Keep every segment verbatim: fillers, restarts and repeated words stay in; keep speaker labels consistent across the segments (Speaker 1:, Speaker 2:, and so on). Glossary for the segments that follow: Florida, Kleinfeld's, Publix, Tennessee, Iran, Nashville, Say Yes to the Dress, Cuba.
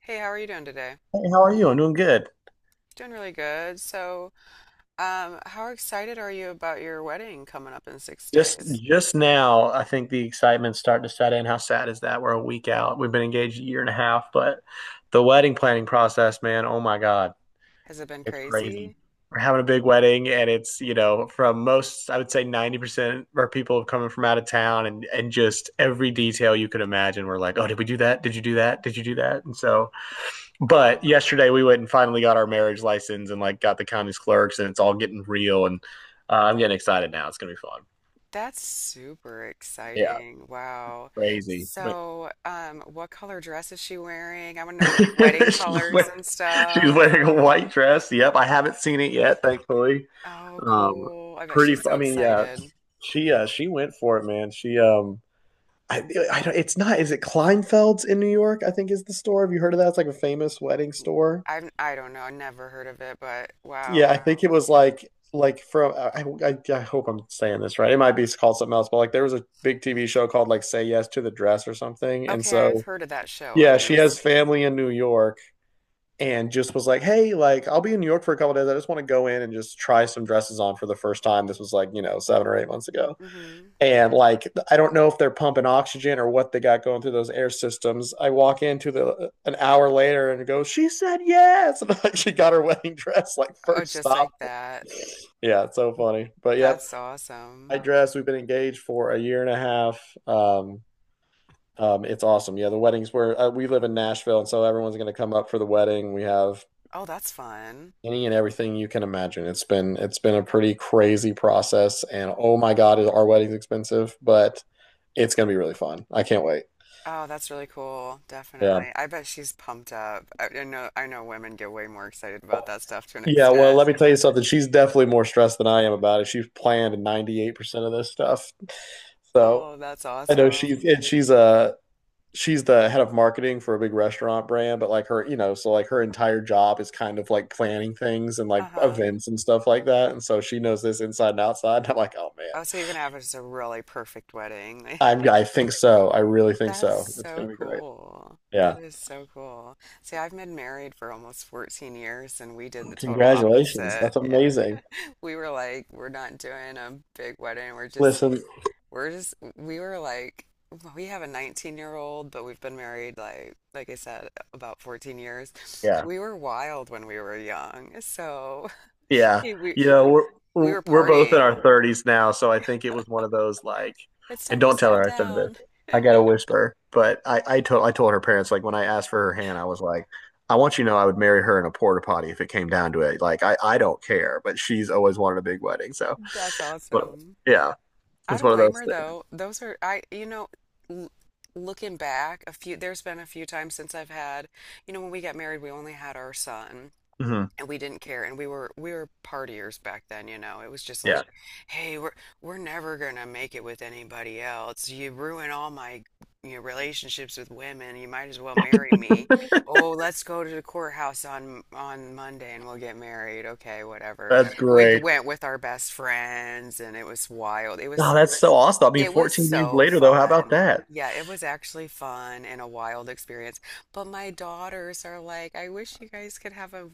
Speaker 1: Hey, how are you doing today?
Speaker 2: Hey, how are you? I'm doing good.
Speaker 1: Doing really good. So, um, how excited are you about your wedding coming up in six
Speaker 2: Just
Speaker 1: days?
Speaker 2: just now, I think the excitement's starting to set in. How sad is that? We're a week
Speaker 1: Oh.
Speaker 2: out. We've been engaged a year and a half, but the wedding planning process, man, oh my God,
Speaker 1: Has it been
Speaker 2: it's crazy.
Speaker 1: crazy?
Speaker 2: We're having a big wedding, and it's, you know, from most, I would say ninety percent of our people coming from out of town and and just every detail you could imagine. We're like, oh, did we do that? Did you do that? Did you do that? And so, but yesterday
Speaker 1: Oh,
Speaker 2: we went and finally got our marriage license and like got the county's clerks, and it's all getting real. And uh, I'm getting excited now. It's gonna be fun.
Speaker 1: that's super
Speaker 2: Yeah,
Speaker 1: exciting. Wow.
Speaker 2: crazy. But
Speaker 1: So, um, what color dress is she wearing? I want to know your like wedding
Speaker 2: she's
Speaker 1: colors
Speaker 2: wearing,
Speaker 1: and
Speaker 2: she's
Speaker 1: stuff.
Speaker 2: wearing a white dress. Yep, I haven't seen it yet, thankfully.
Speaker 1: Oh,
Speaker 2: Um,
Speaker 1: cool. I bet
Speaker 2: pretty.
Speaker 1: she's
Speaker 2: fu- I
Speaker 1: so
Speaker 2: mean, yeah,
Speaker 1: excited.
Speaker 2: she uh, she went for it, man. She um, I, I don't, it's not. Is it Kleinfeld's in New York? I think is the store. Have you heard of that? It's like a famous wedding store.
Speaker 1: I've I don't know, I never heard of it, but
Speaker 2: Yeah,
Speaker 1: wow.
Speaker 2: I think it was like like from. I, I I hope I'm saying this right. It might be called something else, but like there was a big T V show called like Say Yes to the Dress or something, and
Speaker 1: Okay, I've
Speaker 2: so.
Speaker 1: heard of that show at
Speaker 2: Yeah, she has
Speaker 1: least.
Speaker 2: family in New York, and just was like, "Hey, like I'll be in New York for a couple of days. I just want to go in and just try some dresses on for the first time." This was like, you know, seven or eight months ago.
Speaker 1: Hmm.
Speaker 2: And like I don't know if they're pumping oxygen or what they got going through those air systems. I walk into the an hour later and go, "She said yes." And like she got her wedding dress like
Speaker 1: Oh,
Speaker 2: first
Speaker 1: just
Speaker 2: stop.
Speaker 1: like that.
Speaker 2: Yeah, it's so funny. But yep,
Speaker 1: That's
Speaker 2: I
Speaker 1: awesome.
Speaker 2: dress. We've been engaged for a year and a half. Um um, it's awesome. Yeah, the weddings where uh, we live in Nashville, and so everyone's going to come up for the wedding. We have
Speaker 1: Oh, that's fun.
Speaker 2: any and everything you can imagine. It's been it's been a pretty crazy process, and oh my God, is our wedding's expensive, but it's gonna be really fun. I can't wait.
Speaker 1: Oh, that's really cool.
Speaker 2: Yeah.
Speaker 1: Definitely. I bet she's pumped up. I, I know I know women get way more excited about that stuff to an
Speaker 2: Yeah, well,
Speaker 1: extent.
Speaker 2: let me tell you something. She's definitely more stressed than I am about it. She's planned ninety-eight percent of this stuff. So
Speaker 1: Oh, that's
Speaker 2: I know she's
Speaker 1: awesome.
Speaker 2: and she's uh she's the head of marketing for a big restaurant brand, but like her, you know, so like her entire job is kind of like planning things and like
Speaker 1: Uh-huh.
Speaker 2: events and stuff like that. And so she knows this inside and outside. And I'm like, oh man,
Speaker 1: Oh, so you're gonna have just a really perfect wedding.
Speaker 2: I, I think so. I really think
Speaker 1: That's
Speaker 2: so. It's
Speaker 1: so
Speaker 2: gonna be great.
Speaker 1: cool. That
Speaker 2: Yeah.
Speaker 1: is so cool. See, I've been married for almost fourteen years and we did the total
Speaker 2: Congratulations.
Speaker 1: opposite.
Speaker 2: That's
Speaker 1: Yeah.
Speaker 2: amazing.
Speaker 1: We were like, we're not doing a big wedding. We're just
Speaker 2: Listen,
Speaker 1: We're just we were like well, we have a nineteen year old, but we've been married like like I said about fourteen years.
Speaker 2: yeah,
Speaker 1: We were wild when we were young, so
Speaker 2: yeah.
Speaker 1: we
Speaker 2: You know, we're
Speaker 1: we
Speaker 2: we're-
Speaker 1: were
Speaker 2: we're both in our
Speaker 1: partying.
Speaker 2: thirties now, so I think it was one of those like,
Speaker 1: It's
Speaker 2: and
Speaker 1: time to
Speaker 2: don't tell
Speaker 1: settle
Speaker 2: her I said this.
Speaker 1: down.
Speaker 2: I gotta whisper, but I I told I told her parents like when I asked for her hand, I was like, I want you to know I would marry her in a porta potty if it came down to it. Like I I don't care, but she's always wanted a big wedding, so
Speaker 1: That's
Speaker 2: but,
Speaker 1: awesome.
Speaker 2: yeah,
Speaker 1: I
Speaker 2: it's
Speaker 1: don't
Speaker 2: one of
Speaker 1: blame
Speaker 2: those
Speaker 1: her
Speaker 2: things.
Speaker 1: though. Those are I you know l looking back, a few there's been a few times since I've had, you know when we got married we only had our son.
Speaker 2: Hmm.
Speaker 1: And we didn't care and we were we were partiers back then, you know, it was just
Speaker 2: Yeah,
Speaker 1: like, hey, we're we're never gonna make it with anybody else. You ruin all my, you know, relationships with women, you might as well marry me. Oh, let's go to the courthouse on on Monday and we'll get married, okay, whatever.
Speaker 2: that's
Speaker 1: We
Speaker 2: great.
Speaker 1: went with our best friends and it was wild. It was,
Speaker 2: Oh, that's so awesome. I mean,
Speaker 1: it was
Speaker 2: fourteen years
Speaker 1: so
Speaker 2: later, though, how about
Speaker 1: fun.
Speaker 2: that?
Speaker 1: Yeah, it was actually fun and a wild experience. But my daughters are like, I wish you guys could have a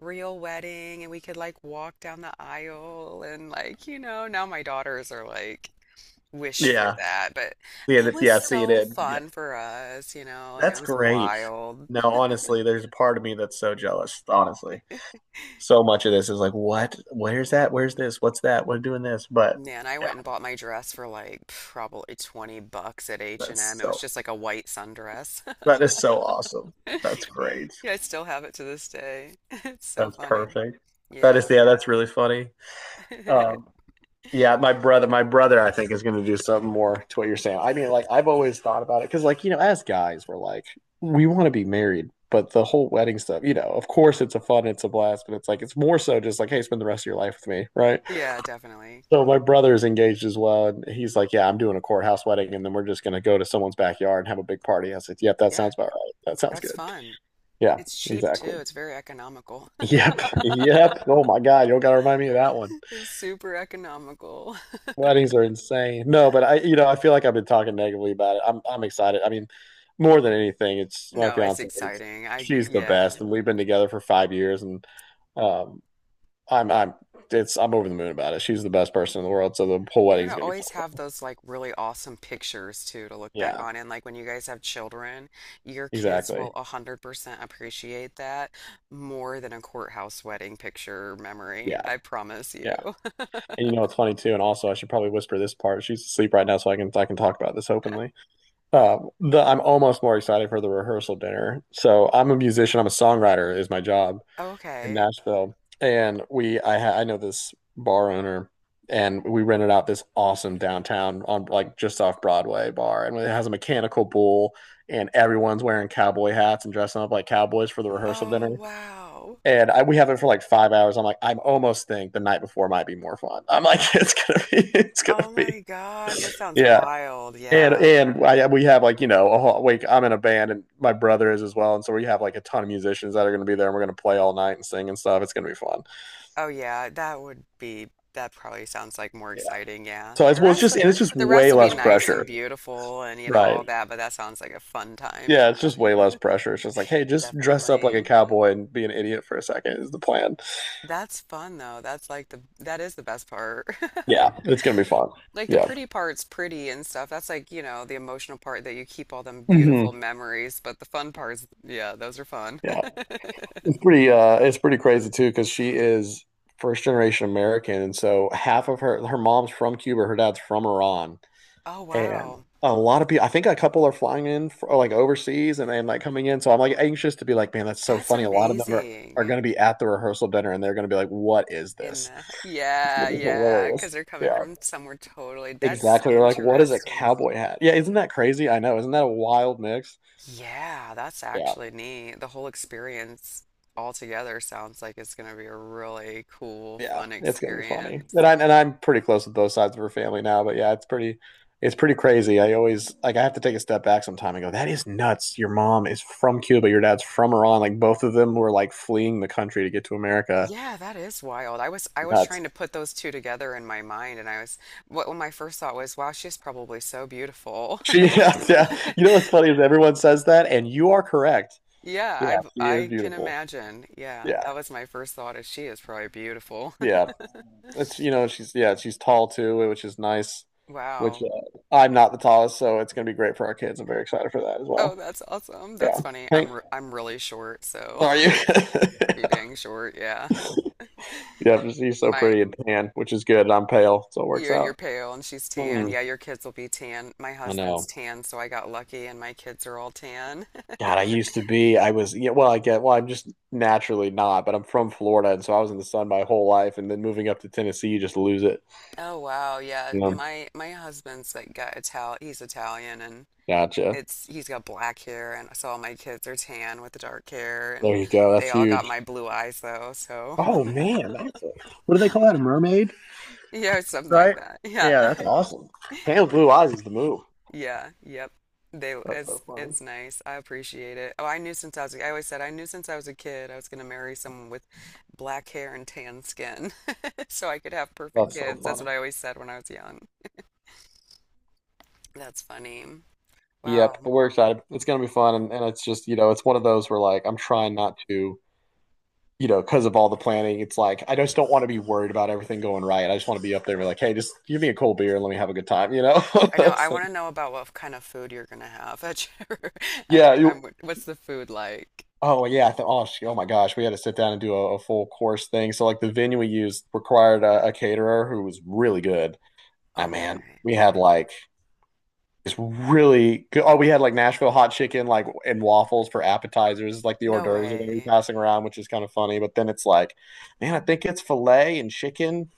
Speaker 1: real wedding and we could like walk down the aisle, and like, you know, now my daughters are like, wish for
Speaker 2: Yeah.
Speaker 1: that. But
Speaker 2: Yeah,
Speaker 1: it
Speaker 2: that's,
Speaker 1: was
Speaker 2: yeah, seeing
Speaker 1: so
Speaker 2: it. Yeah.
Speaker 1: fun for us, you know, and it
Speaker 2: That's
Speaker 1: was
Speaker 2: great.
Speaker 1: wild.
Speaker 2: No, honestly, there's a part of me that's so jealous, honestly. So much of this is like, what? Where's that? Where's this? What's that? We're doing this. But
Speaker 1: Man, I
Speaker 2: yeah,
Speaker 1: went and bought my dress for like probably twenty bucks at
Speaker 2: that's
Speaker 1: H and M. It was
Speaker 2: so,
Speaker 1: just like a white sundress.
Speaker 2: that is so awesome. That's great.
Speaker 1: Yeah, I still have it to this day. It's so
Speaker 2: That's
Speaker 1: funny.
Speaker 2: perfect. That is,
Speaker 1: Yeah.
Speaker 2: yeah, that's really funny. Um, Yeah, my brother, my brother, I think is going to do something more to what you're saying. I mean, like I've always thought about it because, like you know, as guys, we're like we want to be married, but the whole wedding stuff, you know, of course it's a fun, it's a blast, but it's like it's more so just like, hey, spend the rest of your life with me, right?
Speaker 1: Yeah, definitely.
Speaker 2: So my brother is engaged as well, and he's like, yeah, I'm doing a courthouse wedding, and then we're just going to go to someone's backyard and have a big party. I said, yep, that
Speaker 1: Yeah,
Speaker 2: sounds about right. That sounds
Speaker 1: that's
Speaker 2: good.
Speaker 1: fun.
Speaker 2: Yeah,
Speaker 1: It's cheap
Speaker 2: exactly.
Speaker 1: too. It's very economical.
Speaker 2: Yep, yep. Oh my God, you don't got to remind me of that one.
Speaker 1: It's super economical.
Speaker 2: Weddings are insane. No, but I, you know, I feel like I've been talking negatively about it. I'm, I'm excited. I mean, more than anything, it's my
Speaker 1: No, it's
Speaker 2: fiance. is-
Speaker 1: exciting. I,
Speaker 2: She's the
Speaker 1: yeah.
Speaker 2: best, and we've been together for five years, and um, I'm, I'm, it's, I'm over the moon about it. She's the best person in the world, so the whole
Speaker 1: You're
Speaker 2: wedding's
Speaker 1: gonna
Speaker 2: gonna be so
Speaker 1: always have
Speaker 2: fun.
Speaker 1: those like really awesome pictures too to look back
Speaker 2: Yeah,
Speaker 1: on. And like when you guys have children, your kids will
Speaker 2: exactly.
Speaker 1: one hundred percent appreciate that more than a courthouse wedding picture memory.
Speaker 2: Yeah,
Speaker 1: I promise you.
Speaker 2: yeah. And you know, what's funny too. And also, I should probably whisper this part. She's asleep right now, so I can, I can talk about this openly. Uh, the, I'm almost more excited for the rehearsal dinner. So I'm a musician. I'm a songwriter is my job. In
Speaker 1: Okay.
Speaker 2: Nashville, and we I ha I know this bar owner, and we rented out this awesome downtown on like just off Broadway bar, and it has a mechanical bull, and everyone's wearing cowboy hats and dressing up like cowboys for the rehearsal
Speaker 1: Oh,
Speaker 2: dinner.
Speaker 1: wow.
Speaker 2: And I, we have it for like five hours. I'm like, I almost think the night before might be more fun. I'm like, it's gonna be, it's gonna
Speaker 1: Oh
Speaker 2: be,
Speaker 1: my gosh, that sounds
Speaker 2: yeah.
Speaker 1: wild.
Speaker 2: And
Speaker 1: Yeah.
Speaker 2: and I, we have like you know a whole like I'm in a band and my brother is as well, and so we have like a ton of musicians that are gonna be there. And We're gonna play all night and sing and stuff. It's gonna be fun.
Speaker 1: Oh yeah, that would be, that probably sounds like more
Speaker 2: Yeah.
Speaker 1: exciting, yeah.
Speaker 2: So it's
Speaker 1: The
Speaker 2: well, it's
Speaker 1: rest
Speaker 2: just
Speaker 1: of,
Speaker 2: and it's just
Speaker 1: the rest
Speaker 2: way
Speaker 1: will be
Speaker 2: less
Speaker 1: nice
Speaker 2: pressure,
Speaker 1: and beautiful and you know all
Speaker 2: right?
Speaker 1: that, but that sounds like a fun time. Yeah,
Speaker 2: Yeah, it's just way less pressure. It's just like, hey, just dress up like a
Speaker 1: definitely.
Speaker 2: cowboy and be an idiot for a second is the plan.
Speaker 1: That's fun though. That's like the that is the best part.
Speaker 2: Yeah, it's gonna be fun.
Speaker 1: Like the
Speaker 2: Yeah,
Speaker 1: pretty part's pretty and stuff. That's like, you know, the emotional part that you keep all them beautiful
Speaker 2: hmm
Speaker 1: memories, but the fun parts, yeah, those are fun.
Speaker 2: yeah, it's pretty. Uh, it's pretty crazy too because she is first generation American, and so half of her her mom's from Cuba, her dad's from Iran.
Speaker 1: Oh
Speaker 2: And
Speaker 1: wow.
Speaker 2: a lot of people, I think a couple are flying in for, like overseas and then like coming in. So I'm like anxious to be like, man, that's so
Speaker 1: That's
Speaker 2: funny. A lot of them are, are
Speaker 1: amazing.
Speaker 2: going to be at the rehearsal dinner and they're going to be like, what is
Speaker 1: In
Speaker 2: this?
Speaker 1: the
Speaker 2: It's
Speaker 1: yeah,
Speaker 2: going to be
Speaker 1: yeah, because
Speaker 2: hilarious.
Speaker 1: they're coming
Speaker 2: Yeah,
Speaker 1: from somewhere totally. That's
Speaker 2: exactly. They're like, what is a
Speaker 1: interesting.
Speaker 2: cowboy hat? Yeah, isn't that crazy? I know. Isn't that a wild mix?
Speaker 1: Yeah, that's
Speaker 2: Yeah.
Speaker 1: actually neat. The whole experience altogether sounds like it's going to be a really cool,
Speaker 2: Yeah,
Speaker 1: fun
Speaker 2: it's gonna be funny.
Speaker 1: experience.
Speaker 2: And I and I'm pretty close with both sides of her family now, but yeah, it's pretty it's pretty crazy. I always like I have to take a step back sometime and go, that is nuts. Your mom is from Cuba, your dad's from Iran. Like both of them were like fleeing the country to get to America.
Speaker 1: Yeah, that is wild. I was I was
Speaker 2: Nuts.
Speaker 1: trying to put those two together in my mind, and I was, what what my first thought was, wow, she's probably so beautiful.
Speaker 2: She yeah, yeah. You know what's funny is everyone says that and you are correct.
Speaker 1: Yeah,
Speaker 2: Yeah, she
Speaker 1: I
Speaker 2: is
Speaker 1: I can
Speaker 2: beautiful.
Speaker 1: imagine. Yeah,
Speaker 2: Yeah.
Speaker 1: that was my first thought is she is probably beautiful.
Speaker 2: Yeah. It's you know, she's yeah, she's tall too, which is nice. Which
Speaker 1: Wow.
Speaker 2: uh, I'm not the tallest, so it's gonna be great for our kids. I'm very excited for that as
Speaker 1: Oh,
Speaker 2: well.
Speaker 1: that's awesome.
Speaker 2: Yeah.
Speaker 1: That's funny. I'm
Speaker 2: Hank,
Speaker 1: re I'm really short, so
Speaker 2: are you?
Speaker 1: pretty dang short. Yeah.
Speaker 2: Yeah, he's so
Speaker 1: My
Speaker 2: pretty and tan, which is good. I'm pale, so it works
Speaker 1: you're you're
Speaker 2: out.
Speaker 1: pale and she's tan.
Speaker 2: Hmm,
Speaker 1: Yeah, your kids will be tan. My
Speaker 2: I
Speaker 1: husband's
Speaker 2: know.
Speaker 1: tan, so I got lucky and my kids are all tan.
Speaker 2: God, I used to be. I was. Yeah, well, I get. Well, I'm just naturally not, but I'm from Florida, and so I was in the sun my whole life, and then moving up to Tennessee, you just lose it.
Speaker 1: Oh wow, yeah.
Speaker 2: Mm,
Speaker 1: My my husband's like got Ital he's Italian and
Speaker 2: gotcha.
Speaker 1: it's he's got black hair and so all my kids are tan with dark hair
Speaker 2: There
Speaker 1: and
Speaker 2: you go. That's
Speaker 1: they all got
Speaker 2: huge.
Speaker 1: my blue eyes though, so
Speaker 2: Oh man, that's a, what do they call that? A mermaid,
Speaker 1: yeah, something like
Speaker 2: right?
Speaker 1: that.
Speaker 2: Yeah,
Speaker 1: Yeah.
Speaker 2: that's awesome. Pale blue eyes is the move.
Speaker 1: Yeah, yep. They,
Speaker 2: That's
Speaker 1: it's
Speaker 2: so funny.
Speaker 1: it's nice. I appreciate it. Oh, I knew since I was I always said I knew since I was a kid I was going to marry someone with black hair and tan skin so I could have perfect
Speaker 2: That's so
Speaker 1: kids. That's what
Speaker 2: funny.
Speaker 1: I always said when I was young. That's funny.
Speaker 2: Yep, but
Speaker 1: Wow.
Speaker 2: we're excited. It's gonna be fun, and, and it's just, you know, it's one of those where like I'm trying not to, you know, because of all the planning, it's like I just don't want to be worried about everything going right. I just want to be up there and be like, hey, just give me a cold beer and let me have a good time, you know?
Speaker 1: I know. I
Speaker 2: So,
Speaker 1: want to know about what kind of food you're going to have at your at
Speaker 2: yeah.
Speaker 1: the,
Speaker 2: You,
Speaker 1: um, what's the food like?
Speaker 2: oh yeah. I thought, oh, sh- oh my gosh, we had to sit down and do a, a full course thing. So like the venue we used required a, a caterer who was really good. Ah man,
Speaker 1: Okay.
Speaker 2: we had like It's really good. Oh, we had like Nashville hot chicken, like and waffles for appetizers, like the hors
Speaker 1: No
Speaker 2: d'oeuvres are going to be
Speaker 1: way.
Speaker 2: passing around, which is kind of funny. But then it's like, man, I think it's filet and chicken.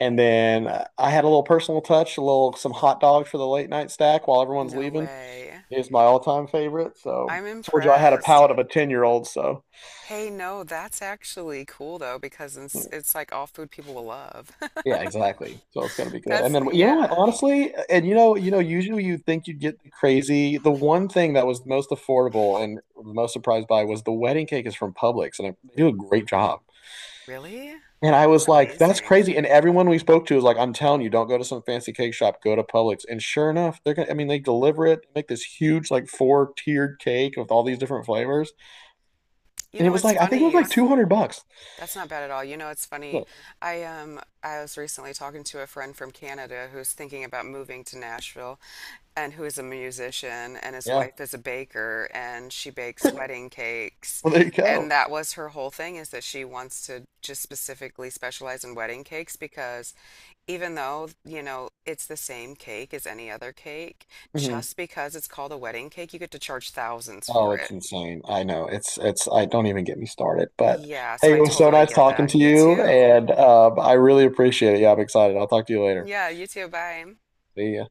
Speaker 2: And then uh, I had a little personal touch, a little some hot dogs for the late night stack while everyone's
Speaker 1: No
Speaker 2: leaving.
Speaker 1: way.
Speaker 2: It's my all time favorite. So
Speaker 1: I'm
Speaker 2: I told you I had a
Speaker 1: impressed.
Speaker 2: palate of a ten year old. So
Speaker 1: Hey, no, that's actually cool though because it's it's like all food people will love.
Speaker 2: yeah, exactly. So it's gonna be good. And
Speaker 1: That's
Speaker 2: then you know what,
Speaker 1: yeah.
Speaker 2: honestly, and you know, you know, usually you think you'd get the crazy. The one thing that was the most affordable and the most surprised by was the wedding cake is from Publix, and they do a great job.
Speaker 1: Really?
Speaker 2: And I
Speaker 1: That's
Speaker 2: was like, that's
Speaker 1: amazing.
Speaker 2: crazy. And everyone we spoke to was like, I'm telling you, don't go to some fancy cake shop, go to Publix. And sure enough, they're gonna, I mean, they deliver it, make this huge, like four tiered cake with all these different flavors.
Speaker 1: You
Speaker 2: And it
Speaker 1: know,
Speaker 2: was
Speaker 1: it's
Speaker 2: like, I think it
Speaker 1: funny
Speaker 2: was
Speaker 1: you
Speaker 2: like
Speaker 1: s-
Speaker 2: two hundred bucks.
Speaker 1: That's not bad at all. You know, it's funny.
Speaker 2: Look,
Speaker 1: I um I was recently talking to a friend from Canada who's thinking about moving to Nashville and who is a musician and his
Speaker 2: yeah,
Speaker 1: wife is a baker and she bakes wedding cakes.
Speaker 2: well, there you
Speaker 1: And
Speaker 2: go.
Speaker 1: that was her whole thing is that she wants to just specifically specialize in wedding cakes because even though, you know, it's the same cake as any other cake,
Speaker 2: Mhm.
Speaker 1: just because it's called a wedding cake, you get to charge thousands
Speaker 2: Oh,
Speaker 1: for
Speaker 2: it's
Speaker 1: it.
Speaker 2: insane. I know. It's it's I don't even get me started. But
Speaker 1: Yeah, so
Speaker 2: hey,
Speaker 1: I
Speaker 2: it was so
Speaker 1: totally
Speaker 2: nice
Speaker 1: get
Speaker 2: talking
Speaker 1: that.
Speaker 2: to
Speaker 1: You
Speaker 2: you
Speaker 1: too.
Speaker 2: and um, I really appreciate it. Yeah, I'm excited. I'll talk to you later.
Speaker 1: Yeah, you too. Bye.
Speaker 2: See ya.